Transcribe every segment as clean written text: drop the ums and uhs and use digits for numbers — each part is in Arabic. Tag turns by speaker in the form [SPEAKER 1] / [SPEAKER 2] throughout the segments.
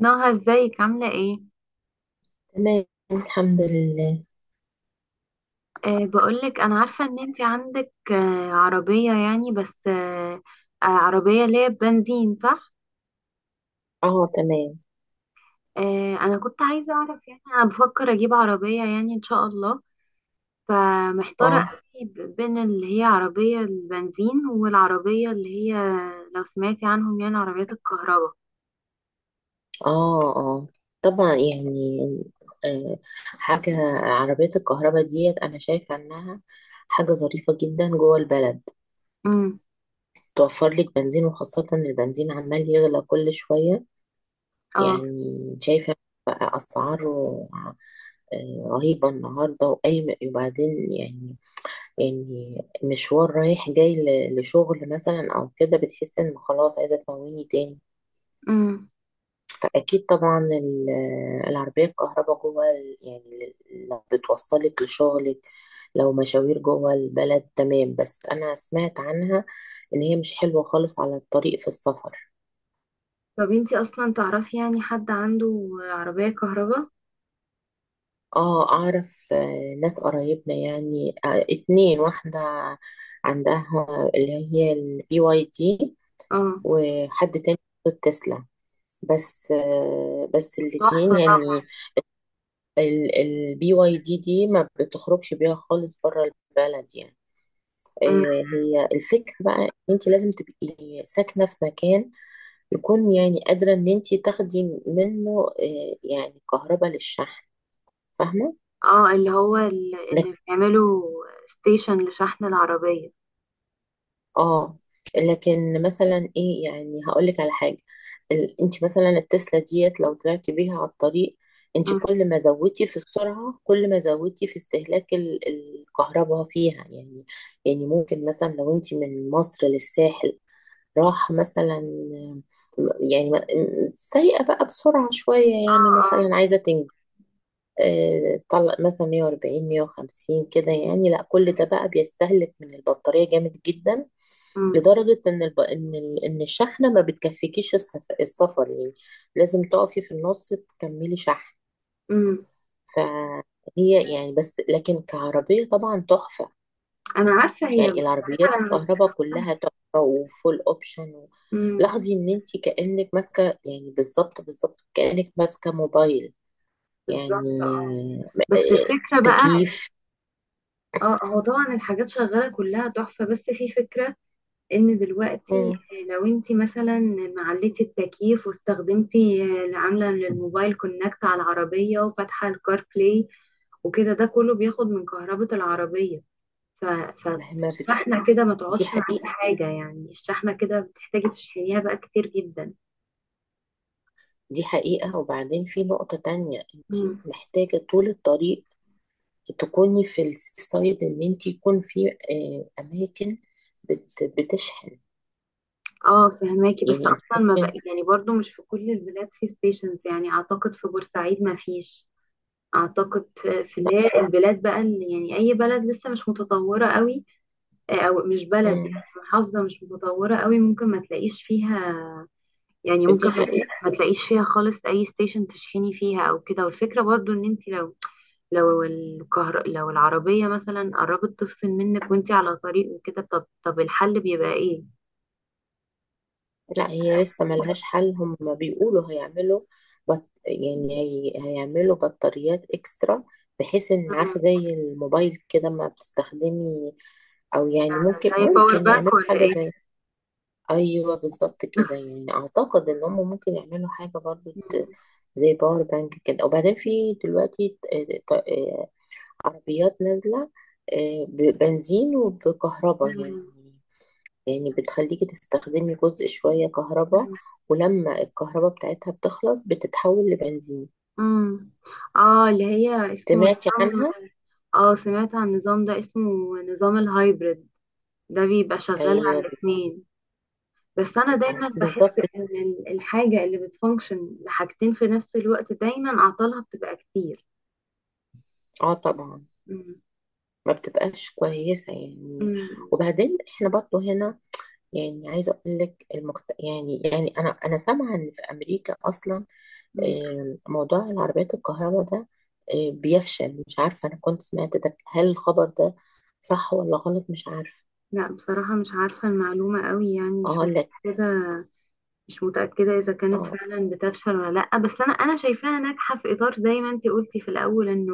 [SPEAKER 1] نهى، ازيك عاملة ايه؟
[SPEAKER 2] تمام. الحمد لله.
[SPEAKER 1] بقولك انا عارفة ان انت عندك عربية، يعني بس أه آه، عربية اللي هي بنزين صح؟
[SPEAKER 2] اه، تمام.
[SPEAKER 1] انا كنت عايزة اعرف، يعني انا بفكر اجيب عربية يعني ان شاء الله. فمحتارة
[SPEAKER 2] اه
[SPEAKER 1] قوي بين اللي هي عربية البنزين والعربية اللي هي، لو سمعتي عنهم، يعني عربيات الكهرباء.
[SPEAKER 2] اه. طبعا يعني. آه حاجة. عربيات الكهرباء ديت أنا شايفة إنها حاجة ظريفة جدا جوه البلد،
[SPEAKER 1] امم.
[SPEAKER 2] توفر لك بنزين، وخاصة إن البنزين عمال يغلى كل شوية.
[SPEAKER 1] اه.
[SPEAKER 2] يعني شايفة بقى أسعاره رهيبة النهاردة، وأي وبعدين يعني، يعني مشوار رايح جاي لشغل مثلا أو كده، بتحس إن خلاص عايزة تمويني تاني.
[SPEAKER 1] امم.
[SPEAKER 2] أكيد طبعا، العربية الكهرباء جوه يعني لو بتوصلك لشغلك، لو مشاوير جوه البلد تمام، بس أنا سمعت عنها إن هي مش حلوة خالص على الطريق في السفر.
[SPEAKER 1] طب انت اصلا تعرفي يعني حد عنده عربية كهرباء؟
[SPEAKER 2] اه، أعرف ناس قرايبنا يعني، اتنين، واحدة عندها اللي هي البي واي دي،
[SPEAKER 1] اه،
[SPEAKER 2] وحد تاني عنده التسلا. بس بس
[SPEAKER 1] تحفة
[SPEAKER 2] الاتنين
[SPEAKER 1] طبعا.
[SPEAKER 2] يعني، البي واي دي دي ما بتخرجش بيها خالص بره البلد يعني. آه،
[SPEAKER 1] امم.
[SPEAKER 2] هي الفكرة بقى، انت لازم تبقي ساكنة في مكان يكون، يعني، قادرة ان انت تاخدي منه، يعني كهرباء للشحن، فاهمة.
[SPEAKER 1] اه، اللي هو اللي بيعملوا ستيشن لشحن العربية.
[SPEAKER 2] اه، لكن مثلا ايه، يعني هقول لك على حاجه. انت مثلا التسلا ديت لو طلعتي بيها على الطريق، انت
[SPEAKER 1] مم.
[SPEAKER 2] كل ما زودتي في السرعه، كل ما زودتي في استهلاك الكهرباء فيها يعني. يعني ممكن مثلا لو انت من مصر للساحل، راح مثلا، يعني سايقه بقى بسرعه شويه، يعني
[SPEAKER 1] اه، اه.
[SPEAKER 2] مثلا عايزه تنجز. طلق مثلا 140 150 كده، يعني لا، كل ده بقى بيستهلك من البطاريه جامد جدا،
[SPEAKER 1] مم.
[SPEAKER 2] لدرجة إن إن الشحنة ما بتكفيكيش السفر يعني، لازم تقفي في النص تكملي شحن.
[SPEAKER 1] مم.
[SPEAKER 2] فهي يعني، بس لكن كعربية طبعا تحفة.
[SPEAKER 1] انا عارفة، هي
[SPEAKER 2] يعني العربيات
[SPEAKER 1] بصراحة لما...
[SPEAKER 2] الكهرباء كلها تحفة وفول أوبشن و...
[SPEAKER 1] مم.
[SPEAKER 2] لاحظي إن أنت كأنك ماسكة، يعني بالظبط بالظبط كأنك ماسكة موبايل يعني.
[SPEAKER 1] بالظبط، اه. بس
[SPEAKER 2] م-
[SPEAKER 1] الفكرة بقى،
[SPEAKER 2] تكييف.
[SPEAKER 1] اه، هو طبعا الحاجات شغالة كلها تحفة، بس في فكرة ان دلوقتي،
[SPEAKER 2] مم.
[SPEAKER 1] لو انت مثلا معلتي التكييف واستخدمتي اللي عاملة للموبايل كونكت على العربية وفاتحة الكار بلاي وكده، ده كله بياخد من كهربة العربية، ف... ف-
[SPEAKER 2] مهما بت...
[SPEAKER 1] فالشحنة كده ما
[SPEAKER 2] دي
[SPEAKER 1] تقعدش معاكي
[SPEAKER 2] حقيقة.
[SPEAKER 1] حاجة، يعني الشحنة كده بتحتاجي تشحنيها بقى كتير جدا.
[SPEAKER 2] دي حقيقة. وبعدين في نقطة تانية: انت
[SPEAKER 1] مم.
[SPEAKER 2] محتاجة طول الطريق تكوني في السيف سايد، ان انت يكون في اماكن بتشحن.
[SPEAKER 1] اه، فهماكي. بس
[SPEAKER 2] يعني انت
[SPEAKER 1] اصلا ما بقى،
[SPEAKER 2] ممكن،
[SPEAKER 1] يعني برضو مش في كل البلاد في ستيشنز، يعني اعتقد في بورسعيد ما فيش. اعتقد في
[SPEAKER 2] لا.
[SPEAKER 1] اللي هي البلاد بقى اللي، يعني اي بلد لسه مش متطوره قوي، او مش بلد،
[SPEAKER 2] مم.
[SPEAKER 1] محافظه مش متطوره قوي، ممكن ما تلاقيش فيها. يعني ممكن
[SPEAKER 2] دي حقيقة.
[SPEAKER 1] ما تلاقيش فيها خالص اي ستيشن تشحني فيها او كده. والفكره برضو ان انت لو، لو العربية مثلا قربت تفصل منك وانتي على طريق وكده، طب الحل بيبقى ايه؟
[SPEAKER 2] لا، هي لسه ملهاش حل. هم بيقولوا هيعملوا بط... يعني هيعملوا بطاريات اكسترا، بحيث ان،
[SPEAKER 1] مم.
[SPEAKER 2] عارفة، زي الموبايل كده ما بتستخدمي. او يعني ممكن
[SPEAKER 1] زي باور
[SPEAKER 2] ممكن
[SPEAKER 1] بانك
[SPEAKER 2] يعملوا
[SPEAKER 1] ولا
[SPEAKER 2] حاجة
[SPEAKER 1] ايه؟
[SPEAKER 2] زي، ايوه بالظبط كده. يعني اعتقد ان هم ممكن يعملوا حاجه برضو
[SPEAKER 1] مم.
[SPEAKER 2] زي باور بانك كده. وبعدين في دلوقتي ط- آه، عربيات نازله ببنزين وبكهرباء يعني.
[SPEAKER 1] مم.
[SPEAKER 2] يعني بتخليكي تستخدمي جزء شويه كهرباء،
[SPEAKER 1] مم.
[SPEAKER 2] ولما الكهرباء بتاعتها بتخلص بتتحول لبنزين.
[SPEAKER 1] مم. اه، اللي هي اسمه
[SPEAKER 2] سمعتي
[SPEAKER 1] نظام.
[SPEAKER 2] عنها؟
[SPEAKER 1] اه، سمعت عن النظام ده، اسمه نظام الهايبرد، ده بيبقى شغال على
[SPEAKER 2] ايوه.
[SPEAKER 1] الاتنين. بس انا دايما بحس
[SPEAKER 2] بالظبط.
[SPEAKER 1] ان الحاجة اللي بتفانكشن لحاجتين في نفس الوقت، دايما اعطالها بتبقى كتير.
[SPEAKER 2] اه، طبعا،
[SPEAKER 1] مم.
[SPEAKER 2] ما بتبقاش كويسه يعني.
[SPEAKER 1] مم.
[SPEAKER 2] وبعدين احنا برضو هنا، يعني عايزه اقول لك يعني، يعني انا سامعه ان في امريكا اصلا
[SPEAKER 1] مم.
[SPEAKER 2] موضوع العربيات الكهرباء ده بيفشل. مش عارفه، انا كنت سمعت ده، هل الخبر ده صح ولا غلط؟ مش عارفه.
[SPEAKER 1] لا، بصراحة مش عارفة المعلومة قوي، يعني مش
[SPEAKER 2] اقول لك،
[SPEAKER 1] متأكدة. مش متأكدة إذا كانت
[SPEAKER 2] اه.
[SPEAKER 1] فعلا بتفشل ولا لأ، بس أنا شايفاها ناجحة في إطار، زي ما أنتي قلتي في الأول، إنه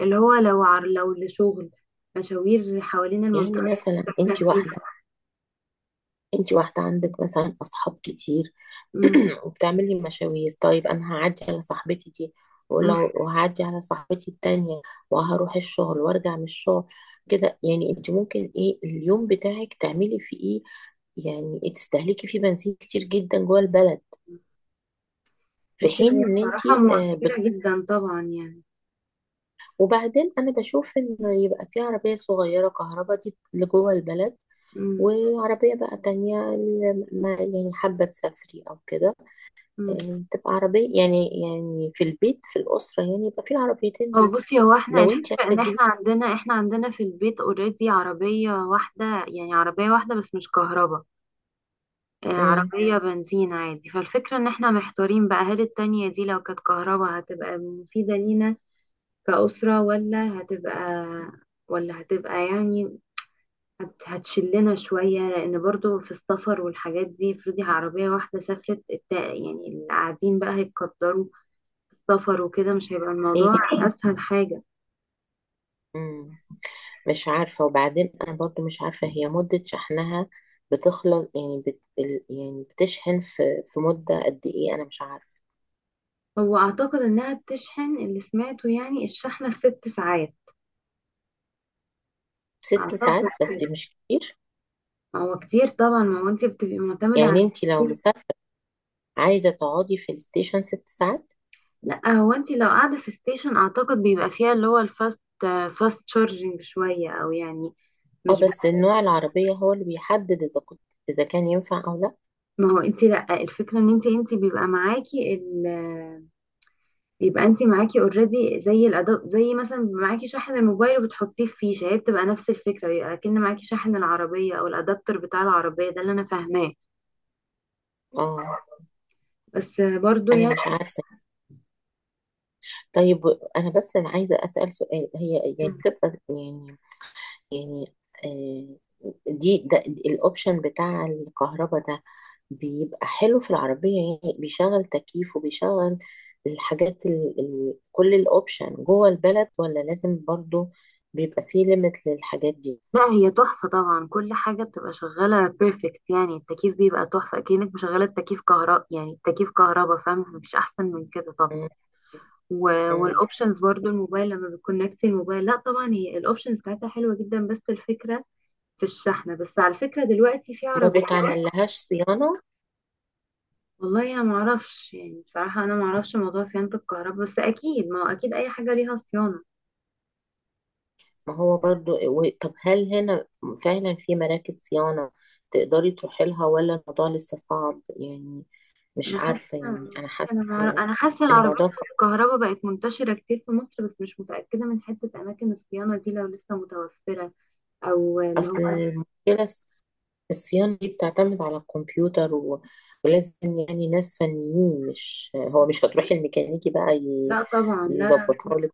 [SPEAKER 1] اللي هو، لو لشغل، مشاوير حوالين المنطقة
[SPEAKER 2] يعني
[SPEAKER 1] اللي إحنا
[SPEAKER 2] مثلا انت
[SPEAKER 1] ساكنة فيها.
[SPEAKER 2] واحده، انت واحده عندك مثلا اصحاب كتير،
[SPEAKER 1] أمم.
[SPEAKER 2] وبتعمل لي مشاوير. طيب، انا هعدي على صاحبتي دي،
[SPEAKER 1] أمم.
[SPEAKER 2] ولو وهعدي على صاحبتي التانية، وهروح الشغل وارجع من الشغل. كده يعني انت ممكن، ايه، اليوم بتاعك تعملي فيه ايه، يعني تستهلكي فيه بنزين كتير جدا جوه البلد، في
[SPEAKER 1] بصي، هو
[SPEAKER 2] حين ان انت
[SPEAKER 1] بصراحة
[SPEAKER 2] آه، بت...
[SPEAKER 1] موفرة جدا طبعا يعني.
[SPEAKER 2] وبعدين انا بشوف انه يبقى في عربية صغيرة كهرباء دي لجوه البلد،
[SPEAKER 1] أمم.
[SPEAKER 2] وعربية بقى تانية اللي يعني حابة تسافري او كده،
[SPEAKER 1] أمم.
[SPEAKER 2] تبقى عربية، يعني يعني في البيت، في الأسرة، يعني يبقى في العربيتين دول
[SPEAKER 1] بصي، هو احنا
[SPEAKER 2] لو انت
[SPEAKER 1] الفكرة
[SPEAKER 2] عايزة
[SPEAKER 1] ان احنا
[SPEAKER 2] تجيبي.
[SPEAKER 1] عندنا، في البيت اوريدي عربية واحدة، يعني عربية واحدة بس مش كهرباء،
[SPEAKER 2] مم.
[SPEAKER 1] عربية بنزين عادي. فالفكرة ان احنا محتارين بقى، هل التانية دي لو كانت كهرباء هتبقى مفيدة لينا كأسرة، ولا هتبقى، يعني هتشلنا شوية، لأن برضو في السفر والحاجات دي. افرضي عربية واحدة سافرت، يعني اللي قاعدين بقى هيتقدروا في السفر وكده، مش هيبقى
[SPEAKER 2] ايه،
[SPEAKER 1] الموضوع أسهل حاجة.
[SPEAKER 2] مم. مش عارفة. وبعدين أنا برضو مش عارفة هي مدة شحنها بتخلص يعني يعني بتشحن في مدة قد ايه، أنا مش عارفة.
[SPEAKER 1] هو أعتقد إنها بتشحن، اللي سمعته يعني الشحنة في 6 ساعات
[SPEAKER 2] ست
[SPEAKER 1] أعتقد
[SPEAKER 2] ساعات
[SPEAKER 1] كده.
[SPEAKER 2] بس مش كتير.
[SPEAKER 1] هو كتير طبعا، ما هو انت بتبقي معتمدة على...
[SPEAKER 2] يعني انت لو مسافرة عايزة تقعدي في الستيشن 6 ساعات.
[SPEAKER 1] لا، هو انت لو قاعدة في ستيشن اعتقد بيبقى فيها اللي هو فاست تشارجنج شوية، او يعني
[SPEAKER 2] اه،
[SPEAKER 1] مش بت...
[SPEAKER 2] بس النوع العربية هو اللي بيحدد إذا كنت، إذا كان ينفع أو لا.
[SPEAKER 1] ما هو انت، لا، الفكرة ان انت بيبقى معاكي ال بيبقى انت معاكي اوريدي، زي الاداء، زي مثلا معاكي شاحن الموبايل وبتحطيه في فيشة، هي بتبقى نفس الفكرة، بيبقى كأن معاكي شاحن العربية او الادابتر بتاع العربية، ده اللي انا فاهماه،
[SPEAKER 2] اه،
[SPEAKER 1] بس برضو
[SPEAKER 2] أنا
[SPEAKER 1] يعني...
[SPEAKER 2] مش عارفة. طيب، أنا بس عايزة أسأل سؤال: هي يعني بتبقى يعني، يعني، آه، دي ده الأوبشن بتاع الكهرباء ده، بيبقى حلو في العربية، يعني بيشغل تكييف وبيشغل الحاجات ال ال كل الأوبشن جوه البلد، ولا لازم برضو بيبقى فيه ليميت للحاجات دي؟
[SPEAKER 1] لا هي تحفة طبعا، كل حاجة بتبقى شغالة بيرفكت، يعني التكييف بيبقى تحفة، أكنك مشغلة التكييف كهرباء، يعني التكييف كهرباء، فاهم، مفيش أحسن من كده طبعا.
[SPEAKER 2] مم. مم.
[SPEAKER 1] والأوبشنز برضو، الموبايل لما بتكونكت الموبايل، لا طبعا هي الأوبشنز بتاعتها حلوة جدا. بس الفكرة في الشحنة. بس على فكرة دلوقتي في
[SPEAKER 2] ما
[SPEAKER 1] عربيات.
[SPEAKER 2] بتعمل لهاش صيانة؟
[SPEAKER 1] والله أنا معرفش، يعني بصراحة أنا معرفش موضوع صيانة الكهرباء، بس أكيد، ما هو أكيد أي حاجة ليها صيانة.
[SPEAKER 2] ما هو برضو طب هل هنا فعلا في مراكز صيانة تقدري تروحي لها، ولا الموضوع لسه صعب يعني؟ مش
[SPEAKER 1] انا حاسه،
[SPEAKER 2] عارفة. يعني أنا حاسة إن،
[SPEAKER 1] انا حاسه
[SPEAKER 2] إن
[SPEAKER 1] العربيات
[SPEAKER 2] الموضوع ك-
[SPEAKER 1] الكهرباء بقت منتشره كتير في مصر، بس مش متاكده من حته اماكن الصيانه دي لو لسه متوفره او اللي هو.
[SPEAKER 2] أصل المشكلة الصيانة دي بتعتمد على الكمبيوتر و... ولازم يعني ناس فنيين، مش هو، مش هتروحي الميكانيكي بقى
[SPEAKER 1] لا طبعا لا،
[SPEAKER 2] يظبطها لك.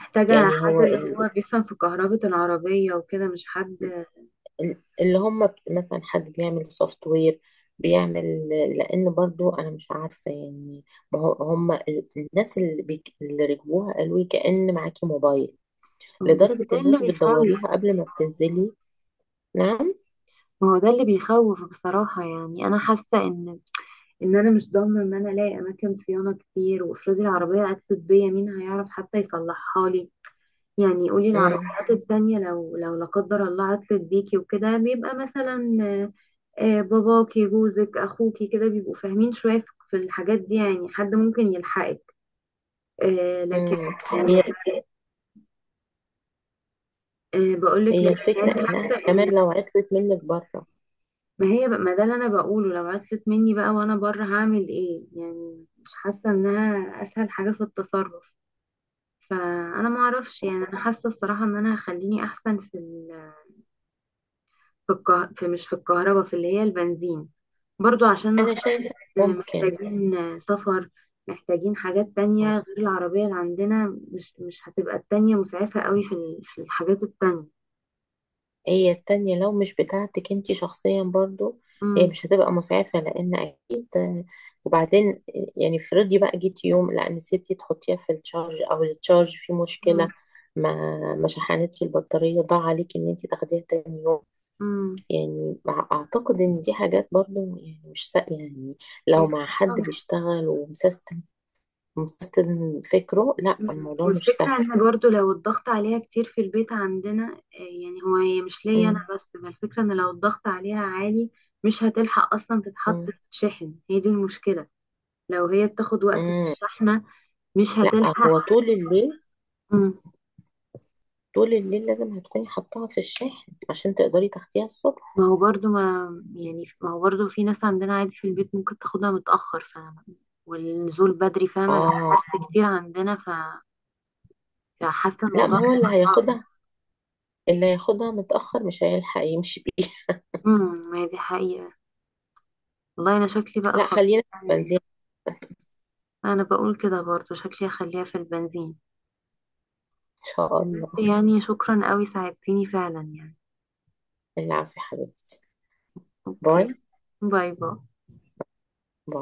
[SPEAKER 1] محتاجه
[SPEAKER 2] يعني
[SPEAKER 1] حد
[SPEAKER 2] هو
[SPEAKER 1] اللي هو بيفهم في كهرباء العربيه وكده، مش حد،
[SPEAKER 2] اللي هم مثلا حد بيعمل سوفت وير، بيعمل، لان برضو انا مش عارفه يعني. ما هو هم الناس اللي, اللي ركبوها قالوا لي كأن معاكي موبايل،
[SPEAKER 1] بس
[SPEAKER 2] لدرجه
[SPEAKER 1] ده
[SPEAKER 2] ان
[SPEAKER 1] اللي
[SPEAKER 2] انت
[SPEAKER 1] بيخوف.
[SPEAKER 2] بتدوريها قبل ما بتنزلي. نعم.
[SPEAKER 1] ما هو ده اللي بيخوف بصراحه، يعني انا حاسه ان، انا مش ضامنه ان انا الاقي اماكن صيانه كتير، وافرضي العربيه عطلت بيا، مين هيعرف حتى يصلحها لي؟ يعني قولي
[SPEAKER 2] امم.
[SPEAKER 1] العربيات التانية، لو لا قدر الله عطلت بيكي وكده، بيبقى مثلا باباكي جوزك اخوكي كده بيبقوا فاهمين شوية في الحاجات دي، يعني حد ممكن يلحقك. لكن،
[SPEAKER 2] امم.
[SPEAKER 1] آه،
[SPEAKER 2] هي،
[SPEAKER 1] بقولك
[SPEAKER 2] هي
[SPEAKER 1] لكن
[SPEAKER 2] الفكره
[SPEAKER 1] يعني
[SPEAKER 2] انها
[SPEAKER 1] حاسة ان،
[SPEAKER 2] كمان لو عطلت منك بره.
[SPEAKER 1] ما هي بقى- ما ده اللي انا بقوله، لو عطلت مني بقى وانا بره هعمل ايه؟ يعني مش حاسة انها اسهل حاجة في التصرف. فانا ما اعرفش، يعني انا حاسة الصراحة ان انا هخليني احسن في، مش في الكهرباء، في اللي هي البنزين، برضو عشان
[SPEAKER 2] انا
[SPEAKER 1] نفترض
[SPEAKER 2] شايفه ممكن.
[SPEAKER 1] محتاجين سفر، محتاجين حاجات
[SPEAKER 2] آه.
[SPEAKER 1] تانية غير العربية اللي عندنا، مش هتبقى التانية مسعفة قوي في في الحاجات التانية.
[SPEAKER 2] هي التانية لو مش بتاعتك انتي شخصيا، برضو هي
[SPEAKER 1] مم.
[SPEAKER 2] مش هتبقى مسعفة، لان اكيد، وبعدين يعني افرضي بقى، جيتي يوم لا نسيتي تحطيها في التشارج، او التشارج فيه
[SPEAKER 1] مم.
[SPEAKER 2] مشكلة، ما ما شحنتش البطارية، ضاع عليك ان انتي تاخديها تاني يوم.
[SPEAKER 1] مم.
[SPEAKER 2] يعني اعتقد ان دي حاجات برضو يعني مش يعني لو
[SPEAKER 1] أكيد
[SPEAKER 2] مع حد
[SPEAKER 1] طبعا.
[SPEAKER 2] بيشتغل ومسيستم، مسيستم فكره، لا
[SPEAKER 1] مم.
[SPEAKER 2] الموضوع مش
[SPEAKER 1] والفكرة
[SPEAKER 2] سهل.
[SPEAKER 1] ان برضو لو الضغط عليها كتير في البيت عندنا، يعني هي مش ليا انا
[SPEAKER 2] مم.
[SPEAKER 1] بس، ما الفكرة ان لو الضغط عليها عالي، مش هتلحق اصلا تتحط
[SPEAKER 2] مم.
[SPEAKER 1] في الشحن، هي دي المشكلة. لو هي بتاخد وقت في
[SPEAKER 2] مم.
[SPEAKER 1] الشحنة، مش
[SPEAKER 2] لا،
[SPEAKER 1] هتلحق.
[SPEAKER 2] هو طول الليل،
[SPEAKER 1] مم.
[SPEAKER 2] طول الليل لازم هتكوني حطاها في الشاحن عشان تقدري تاخديها الصبح.
[SPEAKER 1] ما هو برضو ما يعني ما هو برضو في ناس عندنا عادي في البيت ممكن تاخدها متأخر، فاهمة؟ والنزول بدري، فاهمة،
[SPEAKER 2] اه.
[SPEAKER 1] حرص كتير عندنا. فحاسة
[SPEAKER 2] لا،
[SPEAKER 1] الموضوع
[SPEAKER 2] ما هو اللي
[SPEAKER 1] هيبقى صعب.
[SPEAKER 2] هياخدها، اللي هياخدها متأخر مش هيلحق يمشي بيه.
[SPEAKER 1] امم، ما هي دي حقيقة. والله أنا شكلي بقى
[SPEAKER 2] لا،
[SPEAKER 1] خلاص،
[SPEAKER 2] خلينا في
[SPEAKER 1] يعني
[SPEAKER 2] البنزين.
[SPEAKER 1] أنا بقول كده برضو شكلي هخليها في البنزين.
[SPEAKER 2] ان شاء الله.
[SPEAKER 1] يعني شكرا قوي، ساعدتيني فعلا يعني.
[SPEAKER 2] العافية يا حبيبتي.
[SPEAKER 1] اوكي.
[SPEAKER 2] باي
[SPEAKER 1] باي باي.
[SPEAKER 2] باي.